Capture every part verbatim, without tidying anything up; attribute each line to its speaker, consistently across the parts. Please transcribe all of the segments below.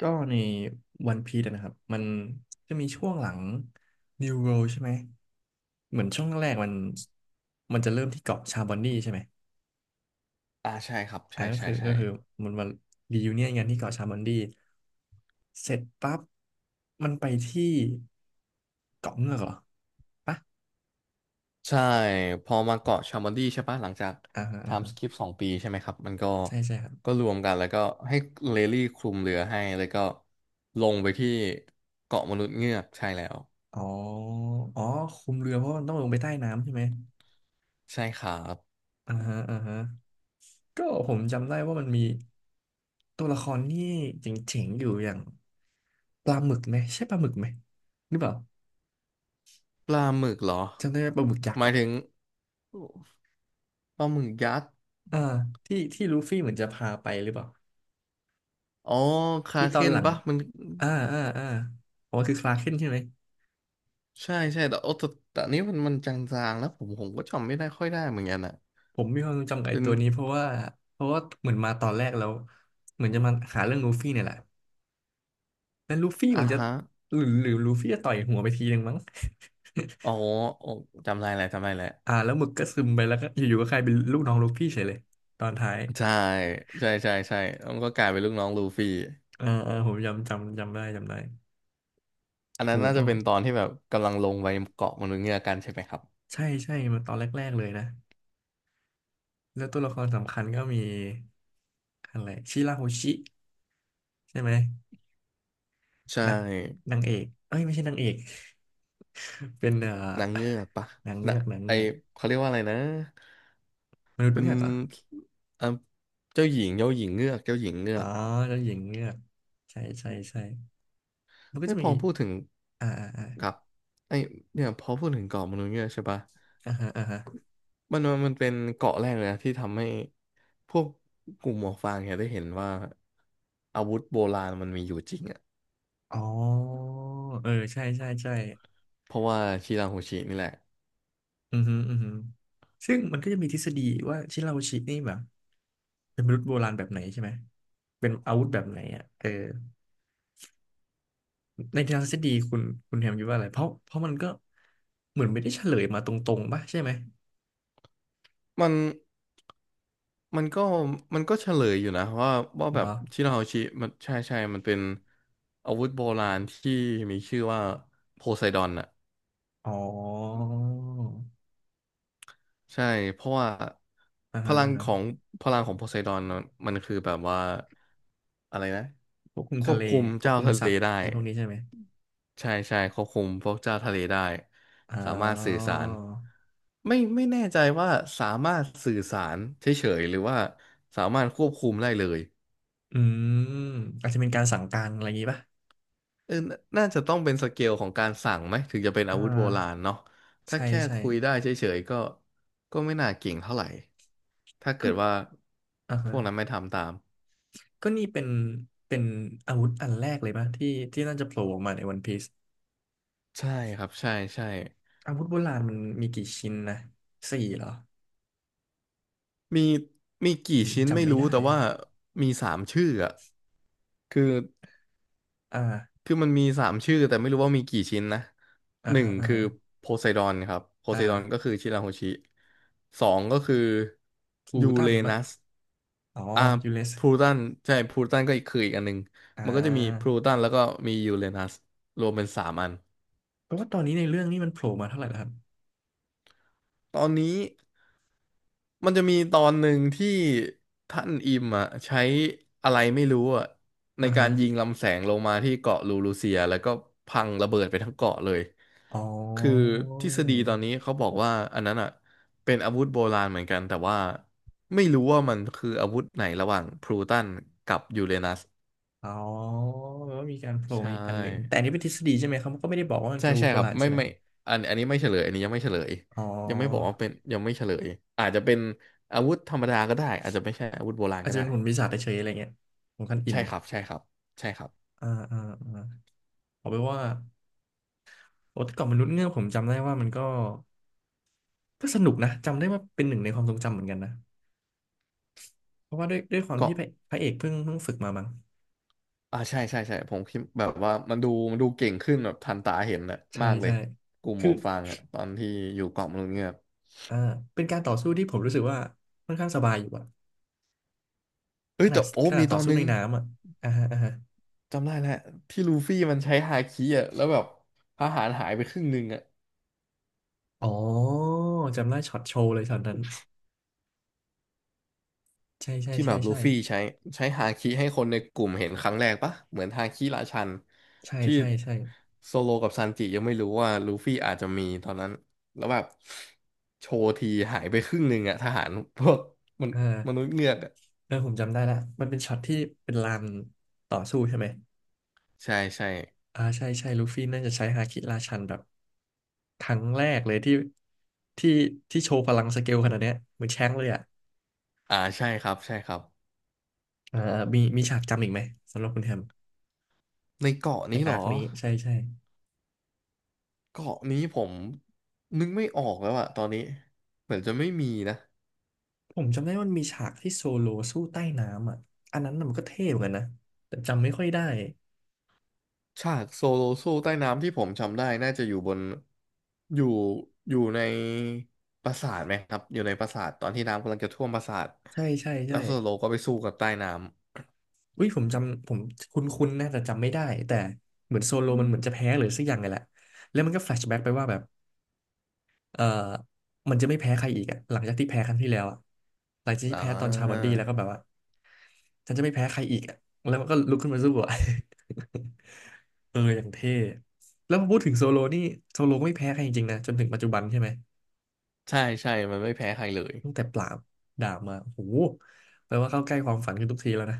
Speaker 1: ก็ในวันพี e นะครับมันจะมีช่วงหลัง New World ใช่ไหมเหมือนช่วงแรกมันมันจะเริ่มที่เกาะชาบอนดีใช่ไหม
Speaker 2: อ่าใช่ครับ
Speaker 1: อ่า
Speaker 2: ใช่
Speaker 1: ก็
Speaker 2: ใช่
Speaker 1: คือก็
Speaker 2: ใช่
Speaker 1: คือมันมารียูเนียนกันที่เกาะชาบอนดีเสร็จปั๊บมันไปที่เกาะเงือกเหรอปะ
Speaker 2: ใช่พอมาเกาะชามันดี้ใช่ปะหลังจาก
Speaker 1: อ่าฮะ
Speaker 2: ไท
Speaker 1: อ่า
Speaker 2: ม์
Speaker 1: ฮะ
Speaker 2: สคิปสองปีใช่ไหมครับมันก็
Speaker 1: ใช่ใช่ครับ
Speaker 2: ก็รวมกันแล้วก็ให้เลลี่คลุมเรือให้แล้วก็ลงไปที่เกาะมนุษย์เงือกใช่แล้ว
Speaker 1: อ๋ออ๋อคุมเรือเพราะมันต้องลงไปใต้น้ำใช่ไหม
Speaker 2: ใช่ครับ
Speaker 1: อ่าฮะอ่าฮะก็ผมจำได้ว่ามันมีตัวละครที่เจ๋งๆอยู่อย่าง ปลาหมึกไหมใช่ปลาหมึกไหมหรือเปล่า
Speaker 2: ปลาหมึกเหรอ
Speaker 1: จำได้ไหมปลาหมึกยัก
Speaker 2: ห
Speaker 1: ษ์
Speaker 2: มาย
Speaker 1: อ่ะ
Speaker 2: ถึงปลาหมึกยักษ์
Speaker 1: อ่าที่ที่ลูฟี่เหมือนจะพาไปหรือเปล่า
Speaker 2: อ๋อคา
Speaker 1: ที่ต
Speaker 2: เค
Speaker 1: อน
Speaker 2: น
Speaker 1: หลัง
Speaker 2: ปะมัน
Speaker 1: อ่าอ่าอ่าอ๋อคือคลาร์กเคนใช่ไหม
Speaker 2: ใช่ใช่แต่โอ้แต่แต่อันนี้มันมันจางๆแล้วผมผมก็จำไม่ได้ค่อยได้เหมือนกันอ่ะ
Speaker 1: ผมมีความทรงจำกับไอ้
Speaker 2: เป็น
Speaker 1: ตัวนี้เพราะว่าเพราะว่าเหมือนมาตอนแรกแล้วเหมือนจะมาหาเรื่องลูฟี่เนี่ยแหละแล้วลูฟี่เหมื
Speaker 2: อ่า
Speaker 1: อนจะ
Speaker 2: ฮะ
Speaker 1: หรือหรือลูฟี่จะต่อยหัวไปทีนึงมั้ง
Speaker 2: อ๋อโอ้จำได้แล้วจำได้แล้ว
Speaker 1: อ่าแล้วหมึกก็ซึมไปแล้วก็อยู่ๆก็กลายเป็นลูกน้องลูฟี่เฉยเลยตอนท้าย
Speaker 2: ใช่ใช่ใช่ใช่แล้วมันก็กลายเป็นลูกน้องลูฟี่
Speaker 1: อ่าอ่าผมจำจำจำได้จำได้
Speaker 2: อันนั้
Speaker 1: โอ้
Speaker 2: น
Speaker 1: โห
Speaker 2: น่าจะ
Speaker 1: ก็
Speaker 2: เป็นตอนที่แบบกำลังลงไปเกาะมนุษย์เงือกกันใช่ไหมครับ
Speaker 1: ใช่ใช่มาตอนแรกๆเลยนะ แล้วตัวละครสำคัญก็มีอะไรชิราโฮชิใช่ไหม
Speaker 2: ใช่
Speaker 1: นักนางเอกเอ้ยไม่ใช่นางเอก เป็นเอ่อ
Speaker 2: นางเงือกปะ
Speaker 1: นางเงื
Speaker 2: นะ
Speaker 1: อกนาง
Speaker 2: ไอ
Speaker 1: เงือก
Speaker 2: เขาเรียกว่าอะไรนะ
Speaker 1: มนุษย์
Speaker 2: เป็น
Speaker 1: เงือกเหรอ
Speaker 2: เอ่ะเจ้าหญิงเจ้าหญิงเงือกเจ้าหญิงเงื
Speaker 1: อ๋
Speaker 2: อ
Speaker 1: อ
Speaker 2: ก
Speaker 1: แล้วหญิงเงือกใช่ใช่ใช่มันก็
Speaker 2: ไอ
Speaker 1: จะ
Speaker 2: ยพ
Speaker 1: มี
Speaker 2: อพูดถึง
Speaker 1: อ่าอ่าอ่า
Speaker 2: ครับไอเนี่ยพอพูดถึงเกาะมนุษย์เงือกใช่ปะ
Speaker 1: อ่าฮะอ่าฮะ
Speaker 2: มันมันมันเป็นเกาะแรกเลยนะที่ทำให้พวกกลุ่มหมวกฟางเนี่ยได้เห็นว่าอาวุธโบราณมันมีอยู่จริงอะ
Speaker 1: อ๋อเออใช่ใช่ใช่
Speaker 2: เพราะว่าคีราโฮชินี่แหละ
Speaker 1: อือฮึอือฮึซึ่งมันก็จะมีทฤษฎีว่าชิราโฮชินี่แบบเป็นมนุษย์โบราณแบบไหนใช่ไหมเป็นอาวุธแบบไหนอ่ะเออ ในทางทฤษฎีคุณคุณแฮมคิดว่าอะไรเพราะเพราะมันก็เหมือนไม่ได้เฉลยมาตรงๆป่ะใช่ไหม
Speaker 2: มันมันก็มันก็เฉลยอยู่นะว่าว่าแบ
Speaker 1: เหรอ
Speaker 2: บชีราโฮชิมันใช่ใช่มันเป็นอาวุธโบราณที่มีชื่อว่าโพไซดอนอ่ะ
Speaker 1: อ๋อ
Speaker 2: ใช่เพราะว่า
Speaker 1: อ่า
Speaker 2: พ
Speaker 1: ฮะ
Speaker 2: ลัง
Speaker 1: อ่า
Speaker 2: ข
Speaker 1: ฮะ
Speaker 2: องพลังของโพไซดอนน่ะมันคือแบบว่าอะไรนะ
Speaker 1: ควบคุม
Speaker 2: ค
Speaker 1: ทะ
Speaker 2: วบ
Speaker 1: เล
Speaker 2: คุม
Speaker 1: ควบ
Speaker 2: เจ้า
Speaker 1: คุม
Speaker 2: ทะ
Speaker 1: สั
Speaker 2: เล
Speaker 1: ตว์
Speaker 2: ได้
Speaker 1: อะไรพวกนี้ใช่ไหม
Speaker 2: ใช่ใช่ควบคุมพวกเจ้าทะเลได้
Speaker 1: อ๋
Speaker 2: สามารถสื่อ
Speaker 1: อ
Speaker 2: สารไม่ไม่แน่ใจว่าสามารถสื่อสารเฉยๆหรือว่าสามารถควบคุมได้เลย
Speaker 1: อืมอาจจะเป็นการสั่งการอะไรอย่างงี้ป่ะ
Speaker 2: เออน่าน่าจะต้องเป็นสเกลของการสั่งไหมถึงจะเป็นอา
Speaker 1: อ่า
Speaker 2: วุธโบราณเนาะถ้า
Speaker 1: ใช่
Speaker 2: แค่
Speaker 1: ใช่
Speaker 2: คุยได้เฉยๆก็ก็ไม่น่าเก่งเท่าไหร่ถ้าเกิ
Speaker 1: ก็
Speaker 2: ดว่า
Speaker 1: อ่า
Speaker 2: พ
Speaker 1: ฮะ
Speaker 2: วกนั้นไม่ทำตาม
Speaker 1: ก็นี่เป็นเป็นอาวุธอันแรกเลยป่ะที่ที่น่าจะโผล่ออกมาในวันพีซ
Speaker 2: ใช่ครับใช่ใช่
Speaker 1: อาวุธโบราณมันมีกี่ชิ้นนะสี่เหรอ
Speaker 2: มีมีกี่
Speaker 1: ผม
Speaker 2: ชิ้นไม่
Speaker 1: จำไม่
Speaker 2: รู้
Speaker 1: ได้
Speaker 2: แต่ว่ามีสามชื่ออะคือ
Speaker 1: อ่า
Speaker 2: คือมันมีสามชื่อแต่ไม่รู้ว่ามีกี่ชิ้นนะ
Speaker 1: อ่า
Speaker 2: หนึ่ง
Speaker 1: ฮะอ่า
Speaker 2: คือ
Speaker 1: ฮะ
Speaker 2: โพไซดอนครับโพไซดอน
Speaker 1: อ่า
Speaker 2: ก็คือชิราโฮชิสองก็คือ
Speaker 1: พลู
Speaker 2: ยู
Speaker 1: ตั
Speaker 2: เร
Speaker 1: นปะ
Speaker 2: นัส
Speaker 1: อ๋อ
Speaker 2: อ่า
Speaker 1: ยูเรส
Speaker 2: พลูตันใช่พลูตันก็อีกคืออีกอันหนึ่ง
Speaker 1: อ่
Speaker 2: มันก็จะมีพ
Speaker 1: า
Speaker 2: ลูตันแล้วก็มียูเรนัสรวมเป็นสามอัน
Speaker 1: แปลว่าตอนนี้ในเรื่องนี้มันโผล่มาเท่าไหร่แล้วครับ
Speaker 2: ตอนนี้มันจะมีตอนหนึ่งที่ท่านอิมอ่ะใช้อะไรไม่รู้อ่ะใน
Speaker 1: อ่า
Speaker 2: กา
Speaker 1: ฮะ
Speaker 2: รยิงลำแสงลงมาที่เกาะลูรูเซียแล้วก็พังระเบิดไปทั้งเกาะเลย
Speaker 1: อ๋
Speaker 2: คือ
Speaker 1: อ
Speaker 2: ทฤษฎีตอนนี้เขาบอกว่าอันนั้นอ่ะเป็นอาวุธโบราณเหมือนกันแต่ว่าไม่รู้ว่ามันคืออาวุธไหนระหว่างพลูตันกับยูเรนัส
Speaker 1: อ๋อแปลว่ามีการโผล่
Speaker 2: ใช่
Speaker 1: มาอีกอันหนึ่ง แต่อันนี้เป็นทฤษฎีใช่ไหมเขาก็ไม่ได้บอกว่ามัน
Speaker 2: ใช่
Speaker 1: คืออาวุ
Speaker 2: ใช่
Speaker 1: ธโบ
Speaker 2: ครับ
Speaker 1: ราณ
Speaker 2: ไม่
Speaker 1: ใช่ไหม
Speaker 2: ไม่อันอันนี้ไม่เฉลยอันนี้ยังไม่เฉลย
Speaker 1: อ๋อ
Speaker 2: ยังไม่บอกว่าเป็นยังไม่เฉลยอาจจะเป็นอาวุธธรรมดาก็ได้อาจจะไม่ใช่อาวุธโบราณ
Speaker 1: อาจ
Speaker 2: ก็
Speaker 1: จะ
Speaker 2: ได้
Speaker 1: เป็นหุ่นปีศาจเฉยๆอะไรเงี้ยของคันอิ่ม
Speaker 2: ใช่ครับใช่ครับใช่ครับ
Speaker 1: อ่าอ่าอ่าเอาไปนว่าโอ้แต่ก่อนมนุษย์เงือกผมจำได้ว่ามันก็ก็สนุกนะจำได้ว่าเป็นหนึ่งในความทรงจำเหมือนกันนะเพราะว่าด้วยด้วยความ
Speaker 2: ก็
Speaker 1: ที่พระพระเอกเพิ่งเพิ่งฝึกมามั้ง
Speaker 2: อ่าใช่ใช่ใช่ผมคิดแบบว่ามันดูมันดูเก่งขึ้นแบบทันตาเห็นนะ
Speaker 1: ใช่
Speaker 2: มากเล
Speaker 1: ใช่
Speaker 2: ยกลุ่มหม
Speaker 1: คือ
Speaker 2: วกฟางอะตอนที่อยู่เกาะมนุษย์เงือก
Speaker 1: อ่าเป็นการต่อสู้ที่ผมรู้สึกว่าค่อนข้างสบายอยู่อะ
Speaker 2: เอ้
Speaker 1: ข
Speaker 2: ย
Speaker 1: นา
Speaker 2: แต่
Speaker 1: ด
Speaker 2: โอ้
Speaker 1: ขนาด
Speaker 2: มีต
Speaker 1: ต่อ
Speaker 2: อน
Speaker 1: สู้
Speaker 2: นึ
Speaker 1: ใน
Speaker 2: ง
Speaker 1: น้ำอะอ่าฮะอ่าฮะ
Speaker 2: จำได้แล้วที่ลูฟี่มันใช้ฮาคิอะแล้วแบบทหารหายไปครึ่งหนึงอะ
Speaker 1: อ๋อจำได้ช็อตโชว์เลยช็อตนั้นใช่ใช่
Speaker 2: ที่แบ
Speaker 1: ใช่
Speaker 2: บลู
Speaker 1: ใช่
Speaker 2: ฟี่ใช้ใช้ฮาคิให้คนในกลุ่มเห็นครั้งแรกปะเหมือนฮาคิราชัน
Speaker 1: ใช่
Speaker 2: ที่
Speaker 1: ใช่ใช่
Speaker 2: โซโลกับซันจิยังไม่รู้ว่าลูฟี่อาจจะมีตอนนั้นแล้วแบบโชว์ทีหายไปครึ่งหนึ่งอะทหารพวกมัน
Speaker 1: อ
Speaker 2: มนุ
Speaker 1: ่า
Speaker 2: ษย์เงือกอะ
Speaker 1: เออผมจำได้ละมันเป็นช็อตที่เป็นลานต่อสู้ใช่ไหม
Speaker 2: ใช่ใช่
Speaker 1: อ่าใช่ใช่ลูฟี่น่าจะใช้ฮาคิราชันแบบครั้งแรกเลยที่ที่ที่โชว์พลังสเกลขนาดเนี้ยเหมือนแช้งเลยอะ
Speaker 2: อ่าใช่ครับใช่ครับ
Speaker 1: อ่ามีมีฉากจำอีกไหมสำหรับคุณแฮม
Speaker 2: ในเกาะ
Speaker 1: ใน
Speaker 2: นี้เหร
Speaker 1: อาร์ค
Speaker 2: อ
Speaker 1: นี้ใช่ใช่
Speaker 2: เกาะนี้ผมนึกไม่ออกแล้วอะตอนนี้เหมือนจะไม่มีนะ
Speaker 1: ผมจำได้ว่ามันมีฉากที่โซโลสู้ใต้น้ำอ่ะอันนั้นน่ะมันก็เท่เหมือนกันนะแต่จำไม่ค่อยได้
Speaker 2: ฉากโซโลสู้ใต้น้ำที่ผมจำได้น่าจะอยู่บนอยู่อยู่ในปราสาทไหมครับอยู่ในปราสาทตอนที่น้ำกำลังจะท่วมปราสาท
Speaker 1: ใช่ใช่
Speaker 2: แล้
Speaker 1: ใช่
Speaker 2: วโซโลก็ไปสู้กับใต้น้
Speaker 1: อุ้ยผมจำผมคุ้นๆนะแต่จำไม่ได้แต่เหมือนโซโลมันเหมือนจะแพ้หรือสักอย่างไงแหละแล้วมันก็แฟลชแบ็กไปว่าแบบเออมันจะไม่แพ้ใครอีกอะหลังจากที่แพ้ครั้งที่แล้วอะหลังจาก
Speaker 2: ำ
Speaker 1: ที่
Speaker 2: อ่
Speaker 1: แพ้ตอนชาบัน
Speaker 2: า
Speaker 1: ดี้แล้วก็แบบว่าฉันจะไม่แพ้ใครอีกอะแล้วมันก็ลุกขึ้นมาสู้อ่ะ เอออย่างเท่แล้วพอพูดถึงโซโลนี่โซโลก็ไม่แพ้ใครจริงๆนะจนถึงปัจจุบันใช่ไหม
Speaker 2: ใช่ใช่มันไม่แพ้ใครเลย
Speaker 1: ตั้งแต่ปราบดาบมาโอ้โหแปลว่าเข้าใกล้ความฝันขึ้นทุกทีแล้วนะ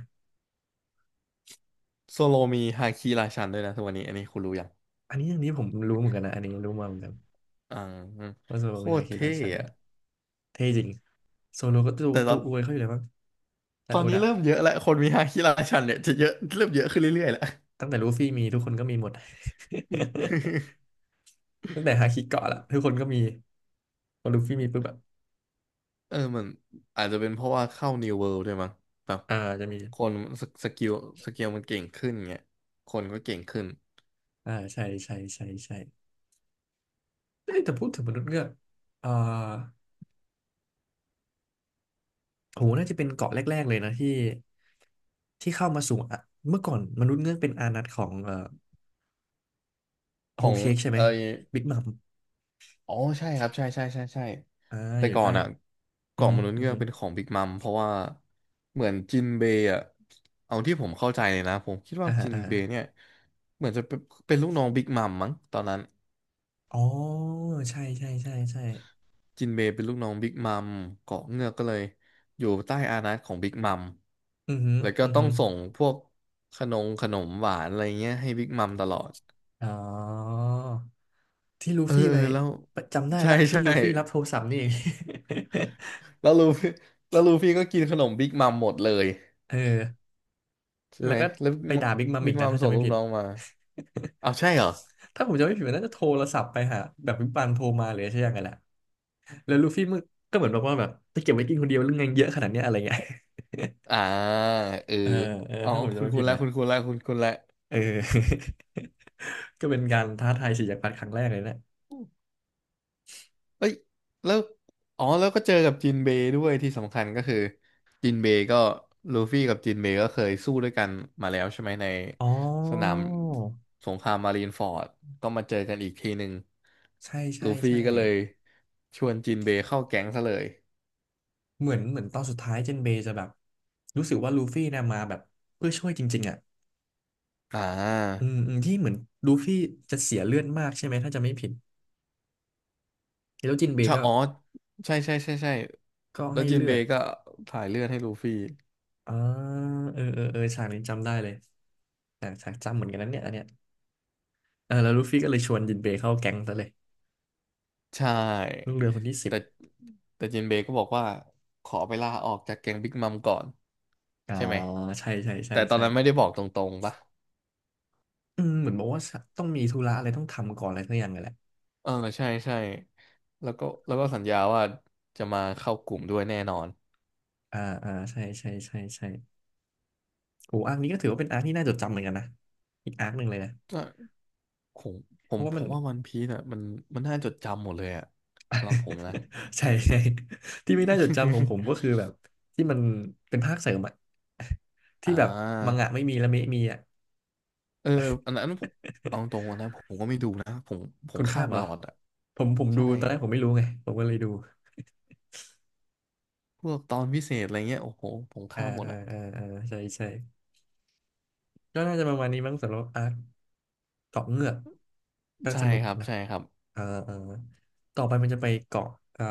Speaker 2: โซโลมีฮาคิราชันด้วยนะทุกวันนี้อันนี้คุณรู้ยัง
Speaker 1: อันนี้อันนี้ผมรู้เหมือนกันนะอันนี้รู้มาเหมือนกัน
Speaker 2: อ่า
Speaker 1: ว่าโซโล
Speaker 2: โค
Speaker 1: มีฮา
Speaker 2: ตร
Speaker 1: คิ
Speaker 2: เท่
Speaker 1: ราชัน
Speaker 2: อะ
Speaker 1: เท่จริงโซโลก็ตัว
Speaker 2: แต่ต
Speaker 1: ตั
Speaker 2: อ
Speaker 1: ว
Speaker 2: น
Speaker 1: อวยเขาอยู่เลยมั้งาจา
Speaker 2: ต
Speaker 1: น
Speaker 2: อ
Speaker 1: ย์
Speaker 2: น
Speaker 1: โอ
Speaker 2: นี้
Speaker 1: ดะ
Speaker 2: เริ่มเยอะแล้วคนมีฮาคิราชันเนี่ยจะเยอะเริ่มเยอะขึ้นเรื่อยๆแล้ว
Speaker 1: ตั้งแต่ลูฟี่มีทุกคนก็มีหมด ตั้งแต่ฮาคิเกาะละทุกคนก็มีพอลูฟี่มีปุ๊บแบบ
Speaker 2: เออมันอาจจะเป็นเพราะว่าเข้า New World ด้วยมั้งแบบ
Speaker 1: อ่าจะมี
Speaker 2: คนสสกิลสกิลมันเก่งขึ้นเงี้ยคนก็เก่งขึ้น
Speaker 1: อ่าใช่ใช่ใช่ใช่เอ้ยแต่พูดถึงมนุษย์เงือกอ่าโหน่าจะเป็นเกาะแรกๆเลยนะที่ที่เข้ามาสู่อะเมื่อก่อนมนุษย์เงือกเป็นอานัตของเอ่อ
Speaker 2: ข
Speaker 1: โฮ
Speaker 2: อ
Speaker 1: ล
Speaker 2: ง
Speaker 1: เค้กใช่ไหม
Speaker 2: เออ
Speaker 1: บิ๊กมัม
Speaker 2: อ๋อใช่ครับใช่ใช่ใช่ใช่
Speaker 1: อ่า
Speaker 2: แต่
Speaker 1: อยู่
Speaker 2: ก่อ
Speaker 1: ใต้
Speaker 2: นอ่ะ
Speaker 1: อือ
Speaker 2: เกาะ
Speaker 1: ฮึ
Speaker 2: มนุษย์
Speaker 1: อือ
Speaker 2: เงือก
Speaker 1: ฮึ
Speaker 2: เป็นของบิ๊กมัมเพราะว่าเหมือนจินเบย์อ่ะเอาที่ผมเข้าใจเลยนะผมคิด
Speaker 1: อ่า
Speaker 2: ว่า
Speaker 1: ฮะ
Speaker 2: จิน
Speaker 1: อ่าฮะ
Speaker 2: เบย์เนี่ยเหมือนจะเป็นเป็นลูกน้องบิ๊กมัมมั้งตอนนั้น
Speaker 1: อ๋อใช่ใช่ใช่ใช่
Speaker 2: จินเบย์เป็นลูกน้องบิ๊กมัมเกาะเงือกก็เลยอยู่ใต้อานัตของบิ๊กมัม
Speaker 1: อือฮึ
Speaker 2: แล้วก็
Speaker 1: อือ
Speaker 2: ต้อ
Speaker 1: ฮึ
Speaker 2: งส่งพวกขนมขนมหวานอะไรเงี้ยให้บิ๊กมัมตลอด
Speaker 1: อ๋อที่ลู
Speaker 2: เออ
Speaker 1: ฟี่
Speaker 2: เอ
Speaker 1: ไป
Speaker 2: อแล้ว
Speaker 1: จำได้
Speaker 2: ใช่
Speaker 1: ละที่
Speaker 2: ใช่
Speaker 1: ลูฟี่รับโทรศัพท์นี่เอง
Speaker 2: แล้วลูฟี่แล้วลูฟี่ก็กินขนมบิ๊กมัมหมดเลย
Speaker 1: เออ
Speaker 2: ใช่
Speaker 1: แล้
Speaker 2: ไห
Speaker 1: ว
Speaker 2: ม
Speaker 1: ก็
Speaker 2: แล้ว
Speaker 1: ไปด่าบิ๊กมัมอี
Speaker 2: บิ๊ก
Speaker 1: กนะ
Speaker 2: มัม
Speaker 1: ถ้า
Speaker 2: ส่
Speaker 1: จำ
Speaker 2: ง
Speaker 1: ไม่
Speaker 2: ลูก
Speaker 1: ผิด
Speaker 2: น้องมาเอาใช่เหรอ
Speaker 1: ถ้าผมจำไม่ผิดมันน่าจะโทรศัพท์ไปหาแบบบิ๊กบัมโทรมาหรือใช่ยังไงแหละแล้วลูฟี่มึงก็เหมือนบอกว่าแบบจะเก็บไว้กินคนเดียวหรือไงเยอะขนาดเนี้ยอะไรเงี้ย
Speaker 2: อ่าเออ
Speaker 1: เออเออ
Speaker 2: อ๋อา
Speaker 1: ถ้าผมจำ
Speaker 2: คุณ
Speaker 1: ไม่
Speaker 2: คุ
Speaker 1: ผิ
Speaker 2: ณ
Speaker 1: ด
Speaker 2: แล้ว
Speaker 1: นะ
Speaker 2: คุณคุณแล้วคุณคุณแล้ว
Speaker 1: เออ ก็เป็นการท้าทายสีกจักพรรดครั้งแรกเลยนะ
Speaker 2: เอ้ยแล้วอ๋อแล้วก็เจอกับจินเบย์ด้วยที่สำคัญก็คือจินเบย์ก็ลูฟี่กับจินเบย์ก็เคยสู้ด้วยกันมาแล้วใช่ไหมใน
Speaker 1: อ๋อ
Speaker 2: สนามสงครามมารีนฟอร์ดก็มาเจอกันอีกทีหนึ่ง
Speaker 1: ใช่ใช่
Speaker 2: ลูฟี่
Speaker 1: ใช่
Speaker 2: ก็เลยชวนจินเบย์เข้าแก๊งซะเลย
Speaker 1: เหมือนเหมือนตอนสุดท้ายเจนเบย์จะแบบรู้สึกว่าลูฟี่นะมาแบบเพื่อช่วยจริงๆอ่ะ
Speaker 2: อ่
Speaker 1: อื
Speaker 2: า
Speaker 1: มอืมที่เหมือนลูฟี่จะเสียเลือดมากใช่ไหมถ้าจะไม่ผิดแล้วจินเบ
Speaker 2: ใช่
Speaker 1: ย์ก็
Speaker 2: อ๋อใช่ใช่ใช่ใช่
Speaker 1: ก็
Speaker 2: แล้ว
Speaker 1: ให้
Speaker 2: จิน
Speaker 1: เลื
Speaker 2: เบ
Speaker 1: อด
Speaker 2: ย์ก็ถ่ายเลือดให้ลูฟี่
Speaker 1: อ่าเออเออเออฉากนี้จำได้เลยแต่ฉากจำเหมือนกันนั้นเนี่ยอันเนี้ยเออแล้วลูฟี่ก็เลยชวนจินเบย์เข้าแก๊งซะเลย
Speaker 2: ใช
Speaker 1: ลูก
Speaker 2: ่
Speaker 1: เรือคนที่สิบ
Speaker 2: แต่แต่จินเบย์ก็บอกว่าขอไปลาออกจากแก๊งบิ๊กมัมก่อน
Speaker 1: อ่า
Speaker 2: ใช่ไหม
Speaker 1: ใช่ใช่ใช่
Speaker 2: แต่ตอน
Speaker 1: ใช่
Speaker 2: นั้นไม่ได้บอกตรงๆปะ
Speaker 1: อืมเหมือนบอกว่าต้องมีธุระอะไรต้องทำก่อนอะไรสักอย่างเลยแหละ
Speaker 2: เออใช่ใช่แล้วก็แล้วก็สัญญาว่าจะมาเข้ากลุ่มด้วยแน่นอน
Speaker 1: อ่าอ่าใช่ใช่ใช่ใช่โอ้อาร์คนี้ก็ถือว่าเป็นอาร์คที่น่าจดจำเหมือนกันนะอีกอาร์คหนึ่งเลยนะ
Speaker 2: ก็ผมผ
Speaker 1: เพ
Speaker 2: ม
Speaker 1: ราะว่า
Speaker 2: ผ
Speaker 1: มัน
Speaker 2: มว่าวันพีซอ่ะมันมันน่าจดจำหมดเลยอ่ะสำหรับผมนะ
Speaker 1: ใช่ใช่ที่ไม่น่าจดจำของผมก็คือแบบที่มันเป็นภาคเสริมอะ
Speaker 2: อ่
Speaker 1: ที่แบบมัง
Speaker 2: า
Speaker 1: งะไม่มีและเมะมีอะ
Speaker 2: เอออันนั้นผมเอาตรงๆนะผมก็ไม่ดูนะผมผม
Speaker 1: คุณข้า
Speaker 2: ข้าม
Speaker 1: มเห
Speaker 2: ต
Speaker 1: รอ
Speaker 2: ลอดอ่ะ
Speaker 1: ผมผมดู
Speaker 2: ใช่
Speaker 1: ตอนแรกผมไม่รู้ไงผมก็เลยดู
Speaker 2: พวกตอนพิเศษอะไรเงี้ยโอ้โหผม
Speaker 1: อ่า
Speaker 2: ข้ามหมด
Speaker 1: อ่า
Speaker 2: อ่ะ
Speaker 1: อ่าอ่าใช่ใช่ก็น่าจะประมาณนี้มั้งสำหรับอาร์ค เกาะเงือกก็
Speaker 2: ใช่
Speaker 1: สนุก
Speaker 2: ครับ
Speaker 1: นะ
Speaker 2: ใช่ครับ
Speaker 1: เออเออต่อไปมันจะไปเกาะเอ่อ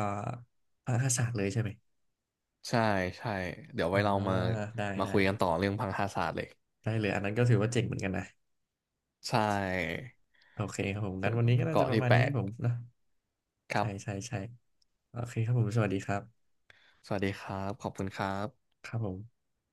Speaker 1: พระราศาสตร์เลยใช่ไหม
Speaker 2: ใช่ใช่เดี๋ยว
Speaker 1: อ่า
Speaker 2: ไว้เรามา
Speaker 1: ได้
Speaker 2: มา
Speaker 1: ได้
Speaker 2: คุยกันต่อเรื่องพังคาศาสตร์เลย
Speaker 1: ได้เลยอันนั้นก็ถือว่าเจ๋งเหมือนกันนะ
Speaker 2: ใช่
Speaker 1: โอเคครับผม
Speaker 2: เป็
Speaker 1: งั้
Speaker 2: น
Speaker 1: นวันนี้
Speaker 2: เป็
Speaker 1: ก็
Speaker 2: น
Speaker 1: น่าจะ
Speaker 2: เกาะ
Speaker 1: ประ
Speaker 2: ที่
Speaker 1: มาณ
Speaker 2: แปล
Speaker 1: นี้ครั
Speaker 2: ก
Speaker 1: บผมนะ
Speaker 2: ครั
Speaker 1: ใช่ใช่
Speaker 2: บ
Speaker 1: ใช่โอเคครับผม สวัสดีครับ
Speaker 2: สวัสดีครับขอบคุณครับ
Speaker 1: ครับผม